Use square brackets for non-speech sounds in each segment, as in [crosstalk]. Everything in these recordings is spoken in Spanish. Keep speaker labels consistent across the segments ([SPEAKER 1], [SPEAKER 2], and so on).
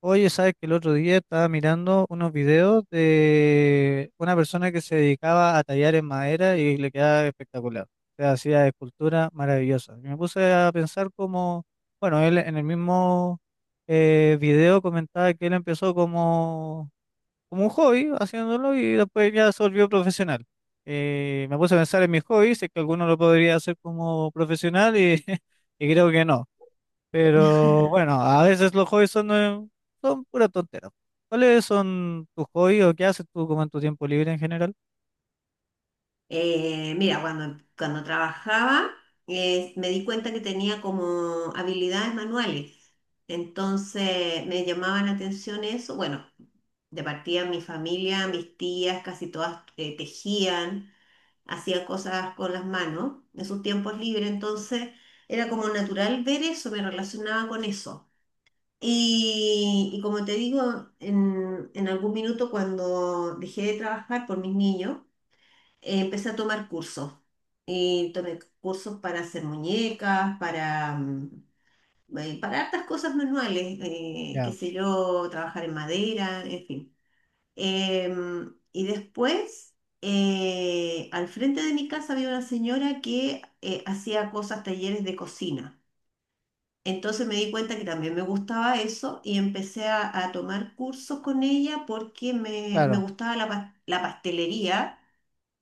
[SPEAKER 1] Oye, ¿sabes que el otro día estaba mirando unos videos de una persona que se dedicaba a tallar en madera y le quedaba espectacular? O sea, hacía esculturas maravillosas. Y me puse a pensar como, bueno, él en el mismo video comentaba que él empezó como, como un hobby haciéndolo y después ya se volvió profesional. Me puse a pensar en mis hobbies, si es que alguno lo podría hacer como profesional y, [laughs] y creo que no. Pero bueno,
[SPEAKER 2] [laughs]
[SPEAKER 1] a veces los hobbies son, son pura tontera. ¿Cuáles son tus hobbies o qué haces tú como en tu tiempo libre en general?
[SPEAKER 2] Mira, cuando trabajaba me di cuenta que tenía como habilidades manuales. Entonces me llamaba la atención eso. Bueno, de partida mi familia, mis tías, casi todas tejían, hacían cosas con las manos en sus tiempos libres. Entonces era como natural ver eso, me relacionaba con eso. Y como te digo, en algún minuto cuando dejé de trabajar por mis niños, empecé a tomar cursos. Y tomé cursos para hacer muñecas, para hartas cosas manuales, qué
[SPEAKER 1] Ya,
[SPEAKER 2] sé yo, trabajar en madera, en fin. Y después, al frente de mi casa había una señora que hacía cosas, talleres de cocina. Entonces me di cuenta que también me gustaba eso y empecé a tomar cursos con ella porque me
[SPEAKER 1] claro,
[SPEAKER 2] gustaba la, la pastelería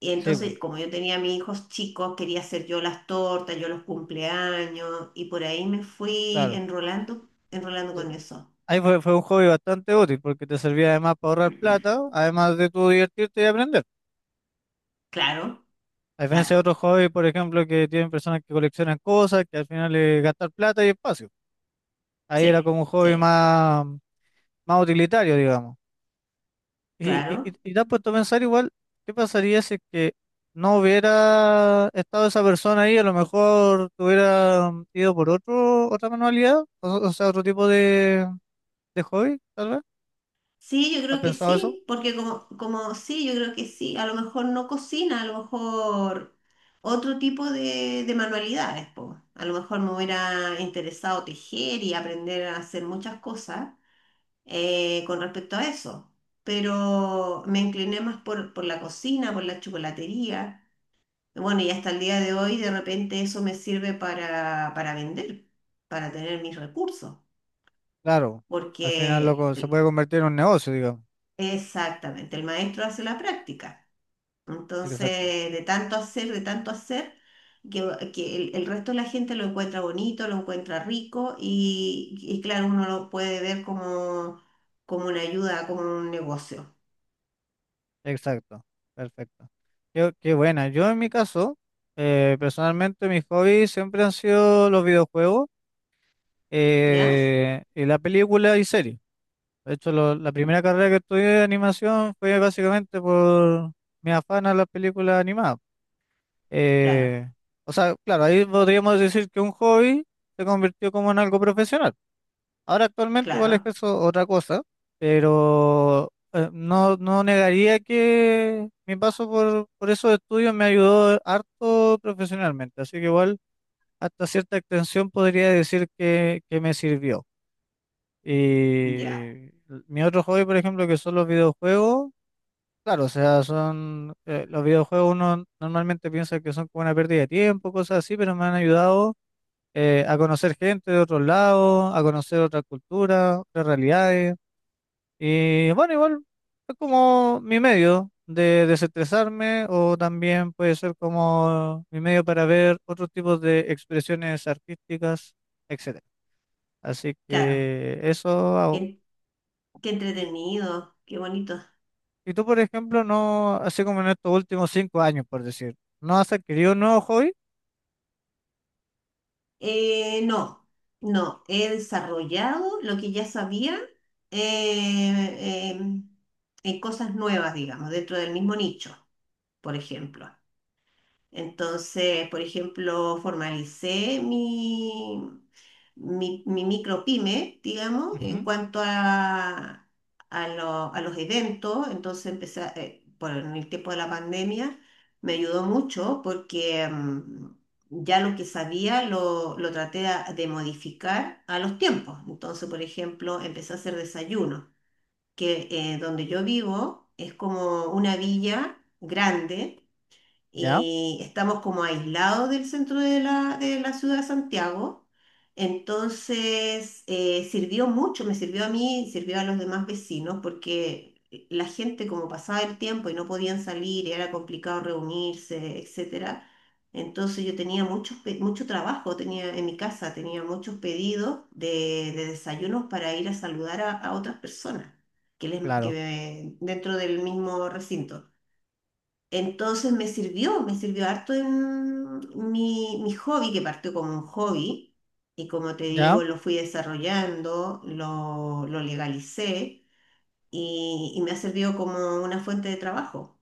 [SPEAKER 2] y
[SPEAKER 1] sí, po,
[SPEAKER 2] entonces, como yo tenía a mis hijos chicos, quería hacer yo las tortas, yo los cumpleaños, y por ahí me fui
[SPEAKER 1] claro.
[SPEAKER 2] enrolando, enrolando con
[SPEAKER 1] Te-
[SPEAKER 2] eso.
[SPEAKER 1] Ahí fue, fue un hobby bastante útil porque te servía además para ahorrar plata, además de tú divertirte y aprender.
[SPEAKER 2] Claro,
[SPEAKER 1] A diferencia
[SPEAKER 2] claro,
[SPEAKER 1] de otros hobbies, por ejemplo, que tienen personas que coleccionan cosas, que al final es gastar plata y espacio. Ahí era
[SPEAKER 2] sí,
[SPEAKER 1] como un hobby
[SPEAKER 2] sí,
[SPEAKER 1] más, más utilitario, digamos. Y, y, y
[SPEAKER 2] claro.
[SPEAKER 1] y te has puesto a pensar igual, ¿qué pasaría si es que no hubiera estado esa persona ahí? A lo mejor te hubiera ido por otro, otra manualidad, o sea, otro tipo de hobby, tal vez.
[SPEAKER 2] Sí, yo
[SPEAKER 1] ¿Has
[SPEAKER 2] creo que
[SPEAKER 1] pensado eso?
[SPEAKER 2] sí, porque como, como sí, yo creo que sí, a lo mejor no cocina, a lo mejor otro tipo de manualidades, po. A lo mejor me hubiera interesado tejer y aprender a hacer muchas cosas con respecto a eso. Pero me incliné más por la cocina, por la chocolatería. Bueno, y hasta el día de hoy de repente eso me sirve para vender, para tener mis recursos,
[SPEAKER 1] Claro, al final
[SPEAKER 2] porque
[SPEAKER 1] loco, se puede convertir en un negocio, digo.
[SPEAKER 2] exactamente, el maestro hace la práctica.
[SPEAKER 1] Exacto,
[SPEAKER 2] Entonces, de tanto hacer, que, que el resto de la gente lo encuentra bonito, lo encuentra rico y claro, uno lo puede ver como, como una ayuda, como un negocio,
[SPEAKER 1] exacto, perfecto. Qué, qué buena. Yo en mi caso, personalmente mis hobbies siempre han sido los videojuegos
[SPEAKER 2] ¿ya?
[SPEAKER 1] y la película y series. De hecho, la primera carrera que estudié de animación fue básicamente por mi afán a las películas animadas.
[SPEAKER 2] Claro,
[SPEAKER 1] Eh, o sea, claro, ahí podríamos decir que un hobby se convirtió como en algo profesional. Ahora actualmente igual es
[SPEAKER 2] claro,
[SPEAKER 1] eso otra cosa, pero no, no negaría que mi paso por esos estudios me ayudó harto profesionalmente. Así que igual hasta cierta extensión podría decir que me sirvió.
[SPEAKER 2] ya,
[SPEAKER 1] Y mi otro hobby, por ejemplo, que son los videojuegos, claro, o sea, son los videojuegos uno normalmente piensa que son como una pérdida de tiempo, cosas así, pero me han ayudado a conocer gente de otros lados, a conocer otras culturas, otras realidades. Y bueno, igual es como mi medio de desestresarme o también puede ser como mi medio para ver otros tipos de expresiones artísticas, etcétera. Así
[SPEAKER 2] claro.
[SPEAKER 1] que eso hago.
[SPEAKER 2] Qué, qué entretenido, qué bonito.
[SPEAKER 1] Y tú, por ejemplo, no, así como en estos últimos 5 años, por decir, ¿no has adquirido un nuevo hobby?
[SPEAKER 2] No, no, he desarrollado lo que ya sabía eh, eh, en cosas nuevas, digamos, dentro del mismo nicho, por ejemplo. Entonces, por ejemplo, formalicé mi micropyme, digamos, en
[SPEAKER 1] Ujú.
[SPEAKER 2] cuanto a, a los eventos. Entonces, empecé, por en el tiempo de la pandemia, me ayudó mucho porque ya lo que sabía lo traté de modificar a los tiempos. Entonces, por ejemplo, empecé a hacer desayuno, que donde yo vivo es como una villa grande
[SPEAKER 1] Ya,
[SPEAKER 2] y estamos como aislados del centro de la ciudad de Santiago. Entonces, sirvió mucho, me sirvió a mí, sirvió a los demás vecinos, porque la gente como pasaba el tiempo y no podían salir, y era complicado reunirse, etcétera. Entonces yo tenía muchos, mucho trabajo, tenía en mi casa, tenía muchos pedidos de desayunos para ir a saludar a otras personas que, que,
[SPEAKER 1] claro,
[SPEAKER 2] dentro del mismo recinto. Entonces me sirvió harto en mi, mi hobby, que partió como un hobby, y como te
[SPEAKER 1] ya,
[SPEAKER 2] digo, lo fui desarrollando, lo legalicé, y me ha servido como una fuente de trabajo.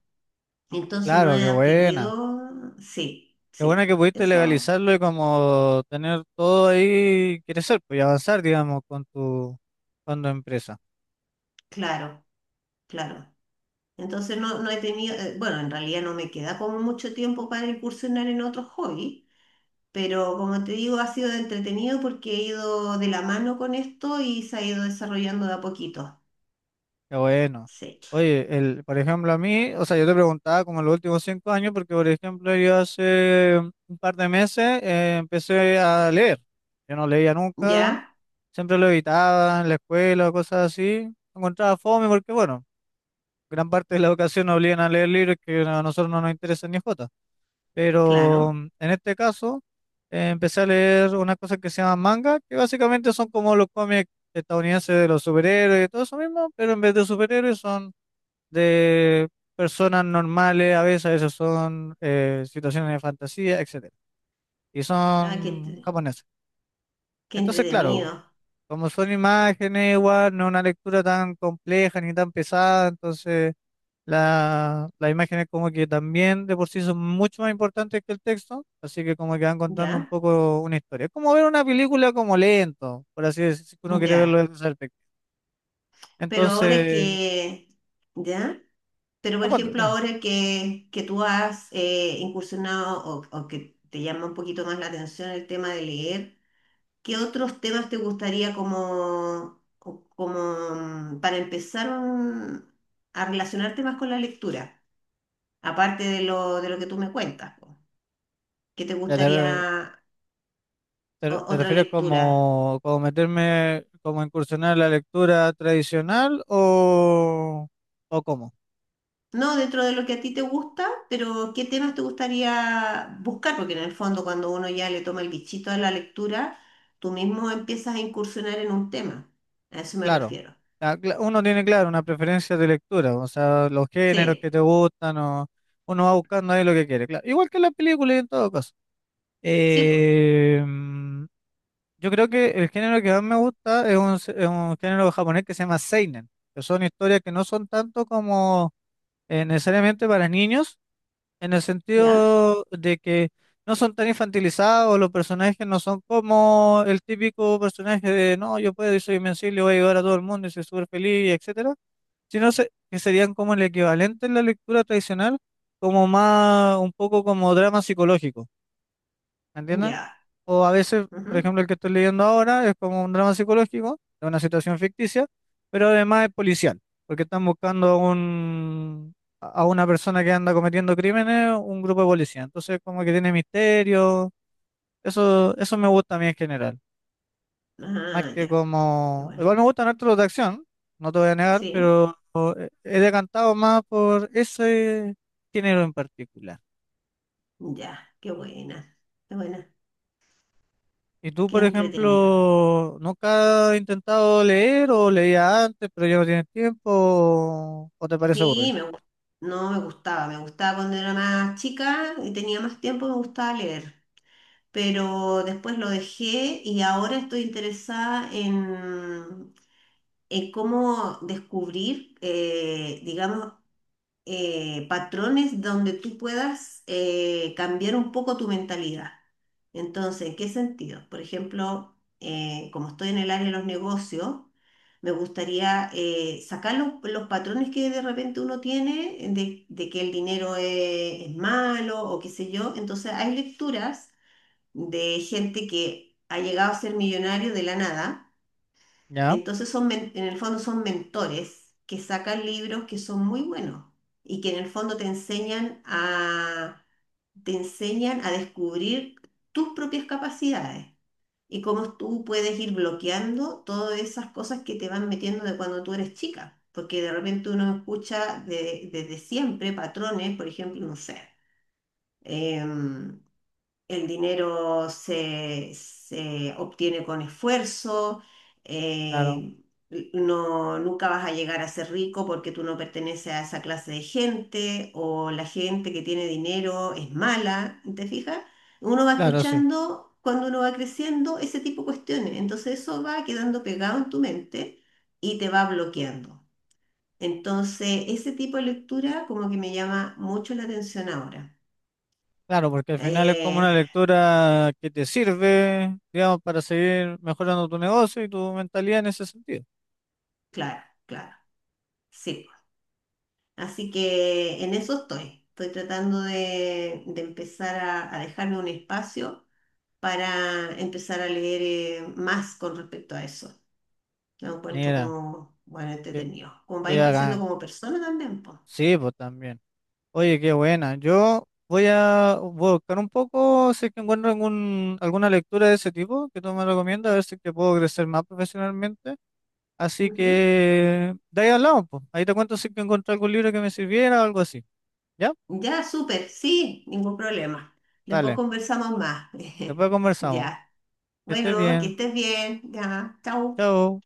[SPEAKER 2] Entonces no
[SPEAKER 1] claro,
[SPEAKER 2] he
[SPEAKER 1] qué buena.
[SPEAKER 2] adquirido, sí,
[SPEAKER 1] Qué buena que
[SPEAKER 2] sí,
[SPEAKER 1] pudiste
[SPEAKER 2] eso,
[SPEAKER 1] legalizarlo y como tener todo ahí, crecer, pues y avanzar, digamos, con tu empresa.
[SPEAKER 2] claro, claro. Entonces no, no he tenido, bueno, en realidad no me queda como mucho tiempo para incursionar en otros hobbies. Pero como te digo, ha sido entretenido porque he ido de la mano con esto y se ha ido desarrollando de a poquito.
[SPEAKER 1] Qué bueno.
[SPEAKER 2] Sí.
[SPEAKER 1] Oye, el, por ejemplo, a mí, o sea, yo te preguntaba como en los últimos 5 años, porque, por ejemplo, yo hace un par de meses empecé a leer. Yo no leía nunca,
[SPEAKER 2] Ya,
[SPEAKER 1] siempre lo evitaba en la escuela o cosas así. Lo encontraba fome porque, bueno, gran parte de la educación nos obligan a leer libros que a nosotros no nos interesan ni jota. Pero
[SPEAKER 2] claro.
[SPEAKER 1] en este caso, empecé a leer unas cosas que se llaman manga, que básicamente son como los cómics estadounidenses de los superhéroes y todo eso mismo, pero en vez de superhéroes son de personas normales, a veces son situaciones de fantasía, etcétera. Y
[SPEAKER 2] Ah,
[SPEAKER 1] son japoneses.
[SPEAKER 2] qué
[SPEAKER 1] Entonces, claro.
[SPEAKER 2] entretenido.
[SPEAKER 1] Como son imágenes, igual, no es una lectura tan compleja ni tan pesada, entonces la, las imágenes como que también de por sí son mucho más importantes que el texto, así que como que van contando un
[SPEAKER 2] Ya,
[SPEAKER 1] poco una historia. Es como ver una película como lento, por así decirlo, si uno quiere verlo
[SPEAKER 2] ya.
[SPEAKER 1] desde esa perspectiva.
[SPEAKER 2] Pero ahora
[SPEAKER 1] Entonces,
[SPEAKER 2] que, ya. Pero
[SPEAKER 1] ¿a
[SPEAKER 2] por
[SPEAKER 1] cuánto?
[SPEAKER 2] ejemplo,
[SPEAKER 1] Dime.
[SPEAKER 2] ahora que tú has incursionado o que te llama un poquito más la atención el tema de leer. ¿Qué otros temas te gustaría como, como para empezar a relacionarte más con la lectura? Aparte de lo que tú me cuentas, po. ¿Qué te
[SPEAKER 1] Ya te, re-
[SPEAKER 2] gustaría
[SPEAKER 1] ¿Te
[SPEAKER 2] otra
[SPEAKER 1] refieres
[SPEAKER 2] lectura?
[SPEAKER 1] como, como meterme, como incursionar en la lectura tradicional o cómo?
[SPEAKER 2] No dentro de lo que a ti te gusta, pero ¿qué temas te gustaría buscar? Porque en el fondo cuando uno ya le toma el bichito a la lectura, tú mismo empiezas a incursionar en un tema. A eso me
[SPEAKER 1] Claro,
[SPEAKER 2] refiero.
[SPEAKER 1] ah, uno tiene claro una preferencia de lectura, o sea, los géneros que
[SPEAKER 2] Sí,
[SPEAKER 1] te gustan, o uno va buscando ahí lo que quiere, claro. Igual que en las películas y en todo caso.
[SPEAKER 2] sí, pues,
[SPEAKER 1] Eh, mm, yo creo que el género que más me gusta es un, es un género japonés que se llama seinen, que son historias que no son tanto como necesariamente para niños, en el
[SPEAKER 2] ¿ya?
[SPEAKER 1] sentido de que no son tan infantilizados, los personajes no son como el típico personaje de no, yo puedo y soy invencible, voy a ayudar a todo el mundo y soy súper feliz, etcétera, sino que serían como el equivalente en la lectura tradicional, como más, un poco como drama psicológico, ¿entiendes?
[SPEAKER 2] Ya.
[SPEAKER 1] O a veces, por
[SPEAKER 2] Ujú.
[SPEAKER 1] ejemplo, el que estoy leyendo ahora es como un drama psicológico, de una situación ficticia, pero además es policial, porque están buscando a un, a una persona que anda cometiendo crímenes, un grupo de policía. Entonces, como que tiene misterio. Eso me gusta a mí en general. Más
[SPEAKER 2] Ah,
[SPEAKER 1] que
[SPEAKER 2] ya. Qué
[SPEAKER 1] como.
[SPEAKER 2] bueno.
[SPEAKER 1] Igual me gustan harto los de acción, no te voy a negar,
[SPEAKER 2] Sí.
[SPEAKER 1] pero he decantado más por ese género en particular.
[SPEAKER 2] Ya, qué buena, qué buena,
[SPEAKER 1] ¿Y tú,
[SPEAKER 2] qué
[SPEAKER 1] por
[SPEAKER 2] entretenida.
[SPEAKER 1] ejemplo, nunca has intentado leer o leía antes, pero ya no tienes tiempo o te parece aburrido?
[SPEAKER 2] Sí, no me gustaba, me gustaba cuando era más chica y tenía más tiempo, me gustaba leer, pero después lo dejé y ahora estoy interesada en cómo descubrir, digamos, patrones donde tú puedas cambiar un poco tu mentalidad. Entonces, ¿en qué sentido? Por ejemplo, como estoy en el área de los negocios, me gustaría sacar los patrones que de repente uno tiene de que el dinero es malo o qué sé yo. Entonces, hay lecturas de gente que ha llegado a ser millonario de la nada,
[SPEAKER 1] Ya,
[SPEAKER 2] entonces son, en el fondo son mentores que sacan libros que son muy buenos y que en el fondo te enseñan a descubrir tus propias capacidades y cómo tú puedes ir bloqueando todas esas cosas que te van metiendo de cuando tú eres chica. Porque de repente uno escucha desde siempre patrones, por ejemplo, no sé. em, el dinero se, se obtiene con esfuerzo,
[SPEAKER 1] claro,
[SPEAKER 2] eh, no, nunca vas a llegar a ser rico porque tú no perteneces a esa clase de gente o la gente que tiene dinero es mala, ¿te fijas? Uno va
[SPEAKER 1] claro, sí.
[SPEAKER 2] escuchando cuando uno va creciendo ese tipo de cuestiones, entonces eso va quedando pegado en tu mente y te va bloqueando. Entonces, ese tipo de lectura como que me llama mucho la atención ahora.
[SPEAKER 1] Claro, porque al final es como
[SPEAKER 2] Eh,
[SPEAKER 1] una lectura que te sirve, digamos, para seguir mejorando tu negocio y tu mentalidad en ese sentido.
[SPEAKER 2] claro, claro. Sí. Así que en eso estoy. Estoy tratando de empezar a dejarme un espacio para empezar a leer más con respecto a eso. Lo encuentro
[SPEAKER 1] Mira,
[SPEAKER 2] como, bueno,
[SPEAKER 1] que,
[SPEAKER 2] entretenido. Como va a
[SPEAKER 1] que
[SPEAKER 2] ir creciendo
[SPEAKER 1] hagan.
[SPEAKER 2] como persona también, pues.
[SPEAKER 1] Sí, pues también. Oye, qué buena. Yo voy a voy a buscar un poco si es que encuentro algún, alguna lectura de ese tipo que tú me recomiendas, a ver si es que puedo crecer más profesionalmente. Así
[SPEAKER 2] Ujú.
[SPEAKER 1] que de ahí hablamos, pues. Ahí te cuento si que encontré algún libro que me sirviera o algo así. ¿Ya?
[SPEAKER 2] Ya, súper, sí, ningún problema. Después
[SPEAKER 1] Dale.
[SPEAKER 2] conversamos más. [laughs]
[SPEAKER 1] Después conversamos.
[SPEAKER 2] Ya.
[SPEAKER 1] Que estés
[SPEAKER 2] Bueno, que
[SPEAKER 1] bien.
[SPEAKER 2] estés bien. Ya, chao.
[SPEAKER 1] Chao.